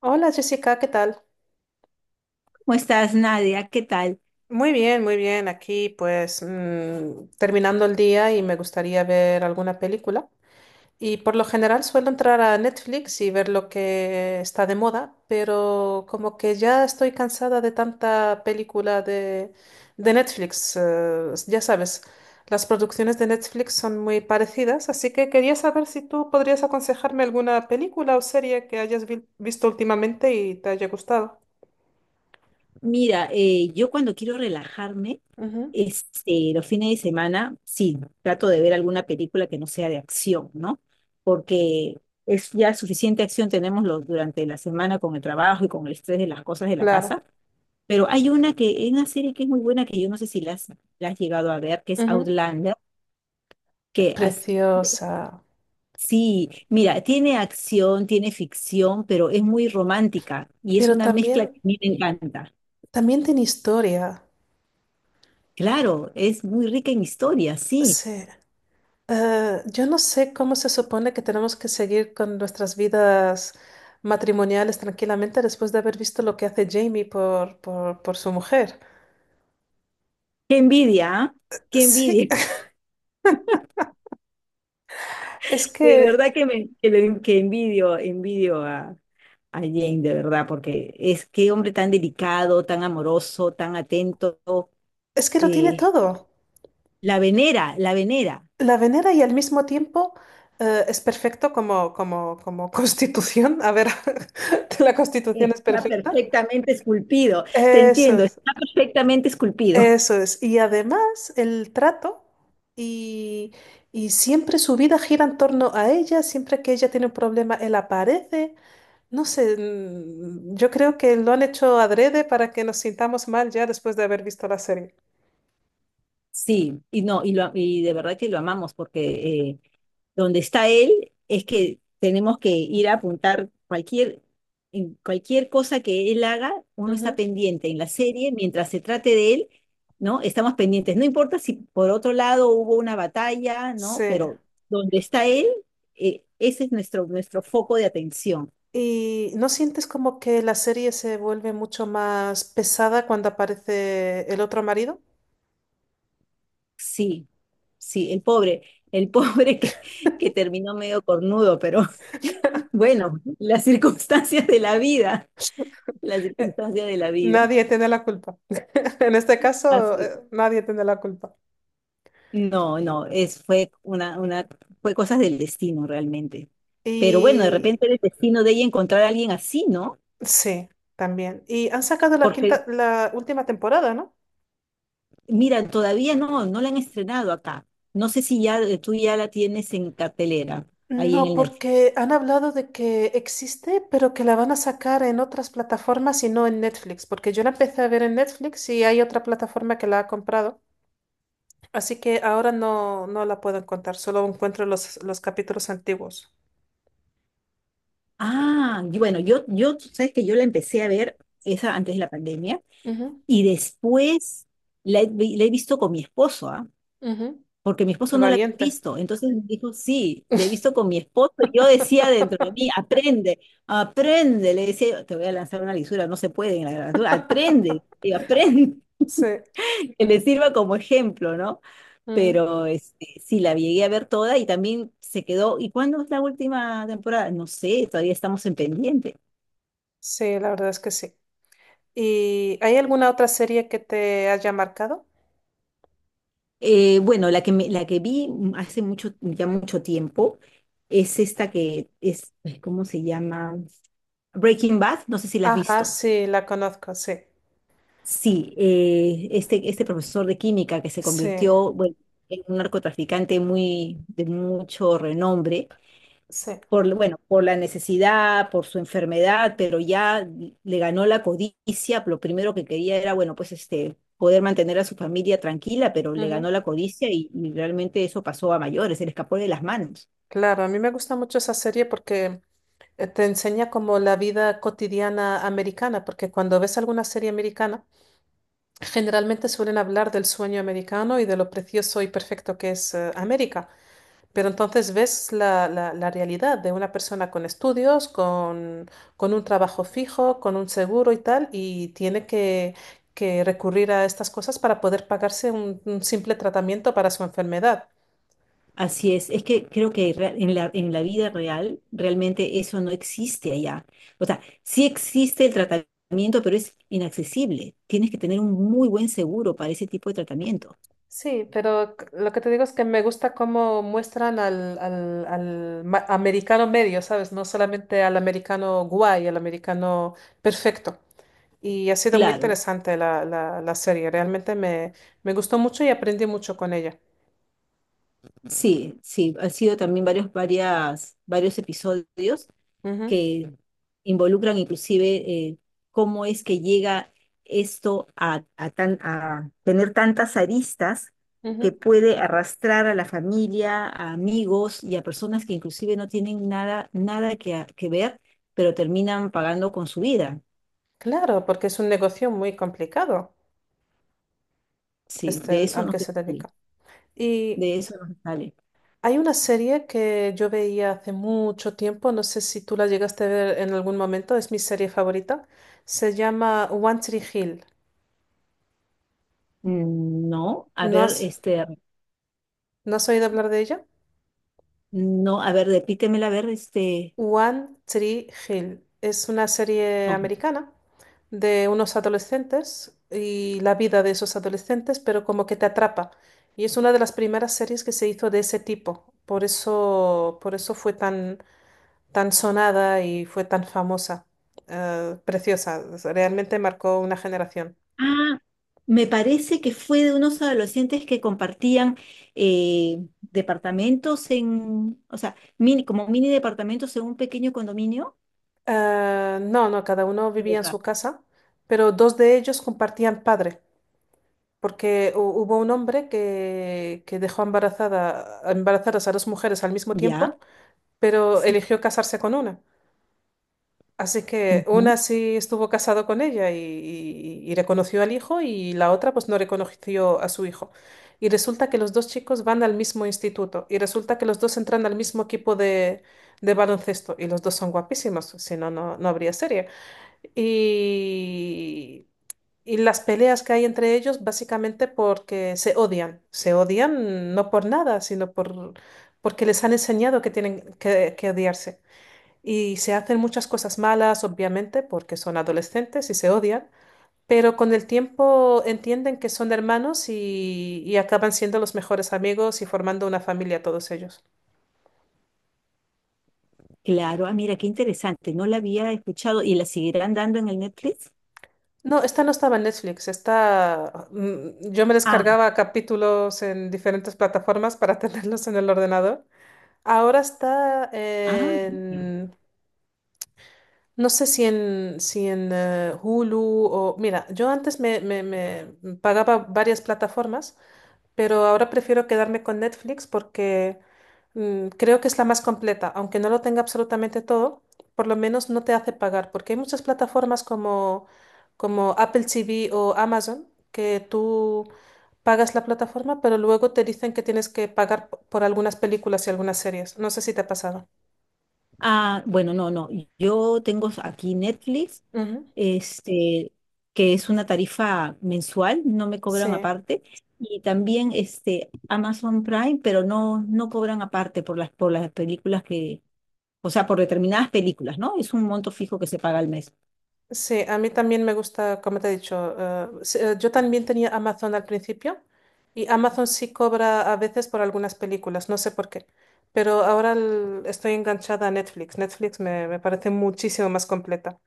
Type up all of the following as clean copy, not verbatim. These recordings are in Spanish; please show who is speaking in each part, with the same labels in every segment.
Speaker 1: Hola Jessica, ¿qué tal?
Speaker 2: ¿Cómo estás, Nadia? ¿Qué tal?
Speaker 1: Muy bien, muy bien. Aquí pues terminando el día y me gustaría ver alguna película. Y por lo general suelo entrar a Netflix y ver lo que está de moda, pero como que ya estoy cansada de tanta película de Netflix. Ya sabes, las producciones de Netflix son muy parecidas, así que quería saber si tú podrías aconsejarme alguna película o serie que hayas visto últimamente y te haya gustado.
Speaker 2: Mira, yo cuando quiero relajarme,
Speaker 1: Ujú.
Speaker 2: este, los fines de semana, sí, trato de ver alguna película que no sea de acción, ¿no? Porque es ya suficiente acción tenemos durante la semana con el trabajo y con el estrés de las cosas de la
Speaker 1: Claro.
Speaker 2: casa, pero hay una serie que es muy buena que yo no sé si la has, la has llegado a ver, que es
Speaker 1: Ujú.
Speaker 2: Outlander, que as-
Speaker 1: Preciosa.
Speaker 2: Sí, mira, tiene acción, tiene ficción, pero es muy romántica y es
Speaker 1: Pero
Speaker 2: una mezcla que
Speaker 1: también,
Speaker 2: a mí me encanta.
Speaker 1: También tiene historia.
Speaker 2: Claro, es muy rica en historia, sí.
Speaker 1: Sí. Yo no sé cómo se supone que tenemos que seguir con nuestras vidas matrimoniales tranquilamente después de haber visto lo que hace Jamie por su mujer.
Speaker 2: Qué envidia, ¿ah? Qué
Speaker 1: Sí,
Speaker 2: envidia.
Speaker 1: es
Speaker 2: De
Speaker 1: que,
Speaker 2: verdad que me que, le- que envidio, a Jane, de verdad, porque es qué hombre tan delicado, tan amoroso, tan atento.
Speaker 1: es que lo tiene
Speaker 2: eh,
Speaker 1: todo.
Speaker 2: la venera, la venera.
Speaker 1: La venera y al mismo tiempo es perfecto como constitución. A ver, la constitución es
Speaker 2: Está
Speaker 1: perfecta.
Speaker 2: perfectamente esculpido. Te entiendo,
Speaker 1: Eso.
Speaker 2: está perfectamente esculpido.
Speaker 1: Eso es. Y además el trato y, y siempre su vida gira en torno a ella, siempre que ella tiene un problema, él aparece. No sé, yo creo que lo han hecho adrede para que nos sintamos mal ya después de haber visto la serie.
Speaker 2: Sí, y no, y, lo, y de verdad que lo amamos porque eh, donde está él es que tenemos que ir a apuntar en cualquier cosa que él haga, uno está
Speaker 1: Ujú.
Speaker 2: pendiente en la serie, mientras se trate de él, ¿no? Estamos pendientes. No importa si por otro lado hubo una batalla, ¿no?
Speaker 1: Sí.
Speaker 2: Pero donde está él, ese es nuestro foco de atención.
Speaker 1: ¿Y no sientes como que la serie se vuelve mucho más pesada cuando aparece el otro marido?
Speaker 2: Sí, sí, el pobre. El que terminó medio cornudo, pero bueno, las circunstancias de la vida, las
Speaker 1: Eh,
Speaker 2: circunstancias de la vida.
Speaker 1: Nadie tiene la culpa. En este caso,
Speaker 2: Así.
Speaker 1: nadie tiene la culpa.
Speaker 2: No, no, es, fue una fue cosas del destino realmente. Pero bueno, de
Speaker 1: y
Speaker 2: repente era el destino de ella encontrar a alguien así, ¿no?
Speaker 1: Sí, también. Y han sacado la quinta,
Speaker 2: Porque,
Speaker 1: la última temporada, ¿no?
Speaker 2: mira, todavía no la han estrenado acá. No sé si ya tú ya la tienes en cartelera, ahí en
Speaker 1: No,
Speaker 2: el Netflix.
Speaker 1: porque han hablado de que existe, pero que la van a sacar en otras plataformas y no en Netflix, porque yo la empecé a ver en Netflix y hay otra plataforma que la ha comprado, así que ahora no, no la puedo encontrar, solo encuentro los capítulos antiguos.
Speaker 2: Ah, y bueno, tú sabes que yo la empecé a ver esa antes de la pandemia
Speaker 1: Ujú,
Speaker 2: y después la he visto con mi esposo, ¿ah?
Speaker 1: ujú.
Speaker 2: Porque mi esposo no la había
Speaker 1: Valiente.
Speaker 2: visto. Entonces me dijo, sí, le he visto con mi esposo. Y yo decía dentro de mí, aprende, aprende. Le decía, yo, te voy a lanzar una lisura, no se puede en la literatura, aprende, y aprende,
Speaker 1: Sí,
Speaker 2: que le sirva como ejemplo, ¿no?
Speaker 1: ujú.
Speaker 2: Pero este, sí, la llegué a ver toda y también se quedó. ¿Y cuándo es la última temporada? No sé, todavía estamos en pendiente.
Speaker 1: Sí, la verdad es que sí. ¿Y hay alguna otra serie que te haya marcado?
Speaker 2: Bueno, la que vi hace mucho, ya mucho tiempo es esta que es, ay, ¿cómo se llama? Breaking Bad, no sé si la has
Speaker 1: Ajá,
Speaker 2: visto.
Speaker 1: sí, la conozco, sí,
Speaker 2: Sí, este profesor de química que se
Speaker 1: sí,
Speaker 2: convirtió, bueno, en un narcotraficante muy, de mucho renombre
Speaker 1: sí.
Speaker 2: por, bueno, por la necesidad, por su enfermedad, pero ya le ganó la codicia, lo primero que quería era, bueno, pues este, poder mantener a su familia tranquila, pero le
Speaker 1: Ujú.
Speaker 2: ganó la codicia y realmente eso pasó a mayores, se le escapó de las manos.
Speaker 1: Claro, a mí me gusta mucho esa serie porque te enseña como la vida cotidiana americana, porque cuando ves alguna serie americana, generalmente suelen hablar del sueño americano y de lo precioso y perfecto que es América. Pero entonces ves la realidad de una persona con estudios, con un trabajo fijo, con un seguro y tal, y tiene que recurrir a estas cosas para poder pagarse un simple tratamiento para su enfermedad.
Speaker 2: Así es que creo que en la vida real realmente eso no existe allá. O sea, sí existe el tratamiento, pero es inaccesible. Tienes que tener un muy buen seguro para ese tipo de tratamiento.
Speaker 1: Sí, pero lo que te digo es que me gusta cómo muestran al americano medio, ¿sabes? No solamente al americano guay, al americano perfecto. Y ha sido muy
Speaker 2: Claro,
Speaker 1: interesante la serie, realmente me gustó mucho y aprendí mucho con ella.
Speaker 2: sí, sí, han sido también varios episodios
Speaker 1: Ujú,
Speaker 2: que involucran inclusive eh, cómo es que llega esto a tan, a tener tantas aristas que
Speaker 1: ujú.
Speaker 2: puede arrastrar a la familia, a amigos y a personas que inclusive no tienen nada, que ver, pero terminan pagando con su vida.
Speaker 1: Claro, porque es un negocio muy complicado
Speaker 2: Sí, de eso
Speaker 1: al
Speaker 2: no
Speaker 1: que
Speaker 2: se
Speaker 1: se
Speaker 2: sale,
Speaker 1: dedica. Y
Speaker 2: de eso no se sale.
Speaker 1: hay una serie que yo veía hace mucho tiempo, no sé si tú la llegaste a ver en algún momento, es mi serie favorita. Se llama One Tree Hill.
Speaker 2: No, a
Speaker 1: ¿No
Speaker 2: ver,
Speaker 1: has,
Speaker 2: este,
Speaker 1: ¿No has oído hablar de ella?
Speaker 2: no, a ver, repítemela, a ver, este...
Speaker 1: One Tree Hill. Es una serie
Speaker 2: no.
Speaker 1: americana de unos adolescentes y la vida de esos adolescentes, pero como que te atrapa. Y es una de las primeras series que se hizo de ese tipo. Por eso fue tan, tan sonada y fue tan famosa. Preciosa. Realmente marcó una generación.
Speaker 2: Ah, me parece que fue de unos adolescentes que compartían departamentos en, o sea, mini, como mini departamentos en un pequeño condominio.
Speaker 1: No, cada uno vivía en su
Speaker 2: Equivocado.
Speaker 1: casa, pero dos de ellos compartían padre. Porque hubo un hombre que dejó embarazadas a dos mujeres al mismo
Speaker 2: Ya,
Speaker 1: tiempo, pero
Speaker 2: sí.
Speaker 1: eligió casarse con una. Así que
Speaker 2: Ujú.
Speaker 1: una sí estuvo casado con ella y reconoció al hijo y la otra pues no reconoció a su hijo. Y resulta que los dos chicos van al mismo instituto y resulta que los dos entran al mismo equipo de baloncesto y los dos son guapísimos, si no, no, no habría serie. Y y las peleas que hay entre ellos básicamente porque se odian. Se odian no por nada, sino porque les han enseñado que tienen que odiarse. Y se hacen muchas cosas malas, obviamente, porque son adolescentes y se odian, pero con el tiempo entienden que son hermanos y acaban siendo los mejores amigos y formando una familia todos ellos.
Speaker 2: Claro, ah, mira, qué interesante, no la había escuchado y la seguirán dando en el Netflix.
Speaker 1: No, esta no estaba en Netflix, esta yo me
Speaker 2: Ah,
Speaker 1: descargaba capítulos en diferentes plataformas para tenerlos en el ordenador. Ahora está
Speaker 2: ah,
Speaker 1: en, no sé si en Hulu o... Mira, yo antes me pagaba varias plataformas, pero ahora prefiero quedarme con Netflix porque creo que es la más completa. Aunque no lo tenga absolutamente todo, por lo menos no te hace pagar, porque hay muchas plataformas como, como Apple TV o Amazon que tú pagas la plataforma, pero luego te dicen que tienes que pagar por algunas películas y algunas series. No sé si te ha pasado.
Speaker 2: ah, bueno, no, no, yo tengo aquí Netflix
Speaker 1: Ujú.
Speaker 2: este, que es una tarifa mensual, no me cobran
Speaker 1: Sí,
Speaker 2: aparte, y también este, Amazon Prime, pero no, no cobran aparte por las películas o sea, por determinadas películas, ¿no? Es un monto fijo que se paga al mes.
Speaker 1: sí, a mí también me gusta, como te he dicho, sí, yo también tenía Amazon al principio y Amazon sí cobra a veces por algunas películas, no sé por qué, pero ahora estoy enganchada a Netflix. Netflix me parece muchísimo más completa.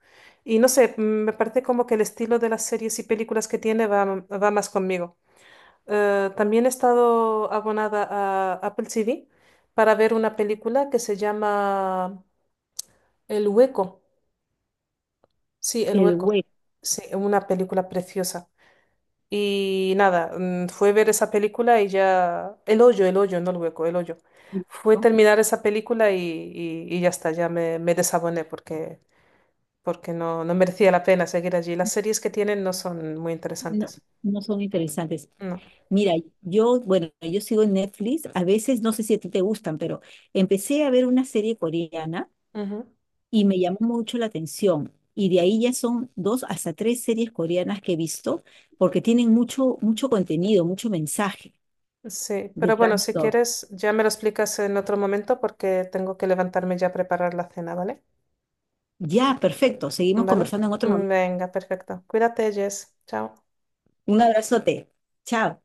Speaker 1: Y no sé, me parece como que el estilo de las series y películas que tiene va más conmigo. También he estado abonada a Apple TV para ver una película que se llama El Hueco. Sí, El
Speaker 2: El
Speaker 1: Hueco.
Speaker 2: web,
Speaker 1: Sí, una película preciosa. Y nada, fue ver esa película y ya... el hoyo, no el hueco, el hoyo. Fue
Speaker 2: ¿no?
Speaker 1: terminar esa película y ya está, ya me desaboné porque no, no merecía la pena seguir allí. Las series que tienen no son muy
Speaker 2: No,
Speaker 1: interesantes.
Speaker 2: no son interesantes.
Speaker 1: No.
Speaker 2: Mira, yo, bueno, yo sigo en Netflix, a veces no sé si a ti te gustan, pero empecé a ver una serie coreana
Speaker 1: Ujú.
Speaker 2: y me llamó mucho la atención. Y de ahí ya son dos hasta tres series coreanas que he visto, porque tienen mucho, mucho contenido, mucho mensaje
Speaker 1: Sí, pero
Speaker 2: detrás
Speaker 1: bueno,
Speaker 2: de
Speaker 1: si
Speaker 2: todo.
Speaker 1: quieres, ya me lo explicas en otro momento porque tengo que levantarme ya a preparar la cena, ¿vale?
Speaker 2: Ya, perfecto. Seguimos
Speaker 1: ¿Vale?
Speaker 2: conversando en otro momento.
Speaker 1: Venga, perfecto. Cuídate, Jess. Chao.
Speaker 2: Un abrazote. Chao.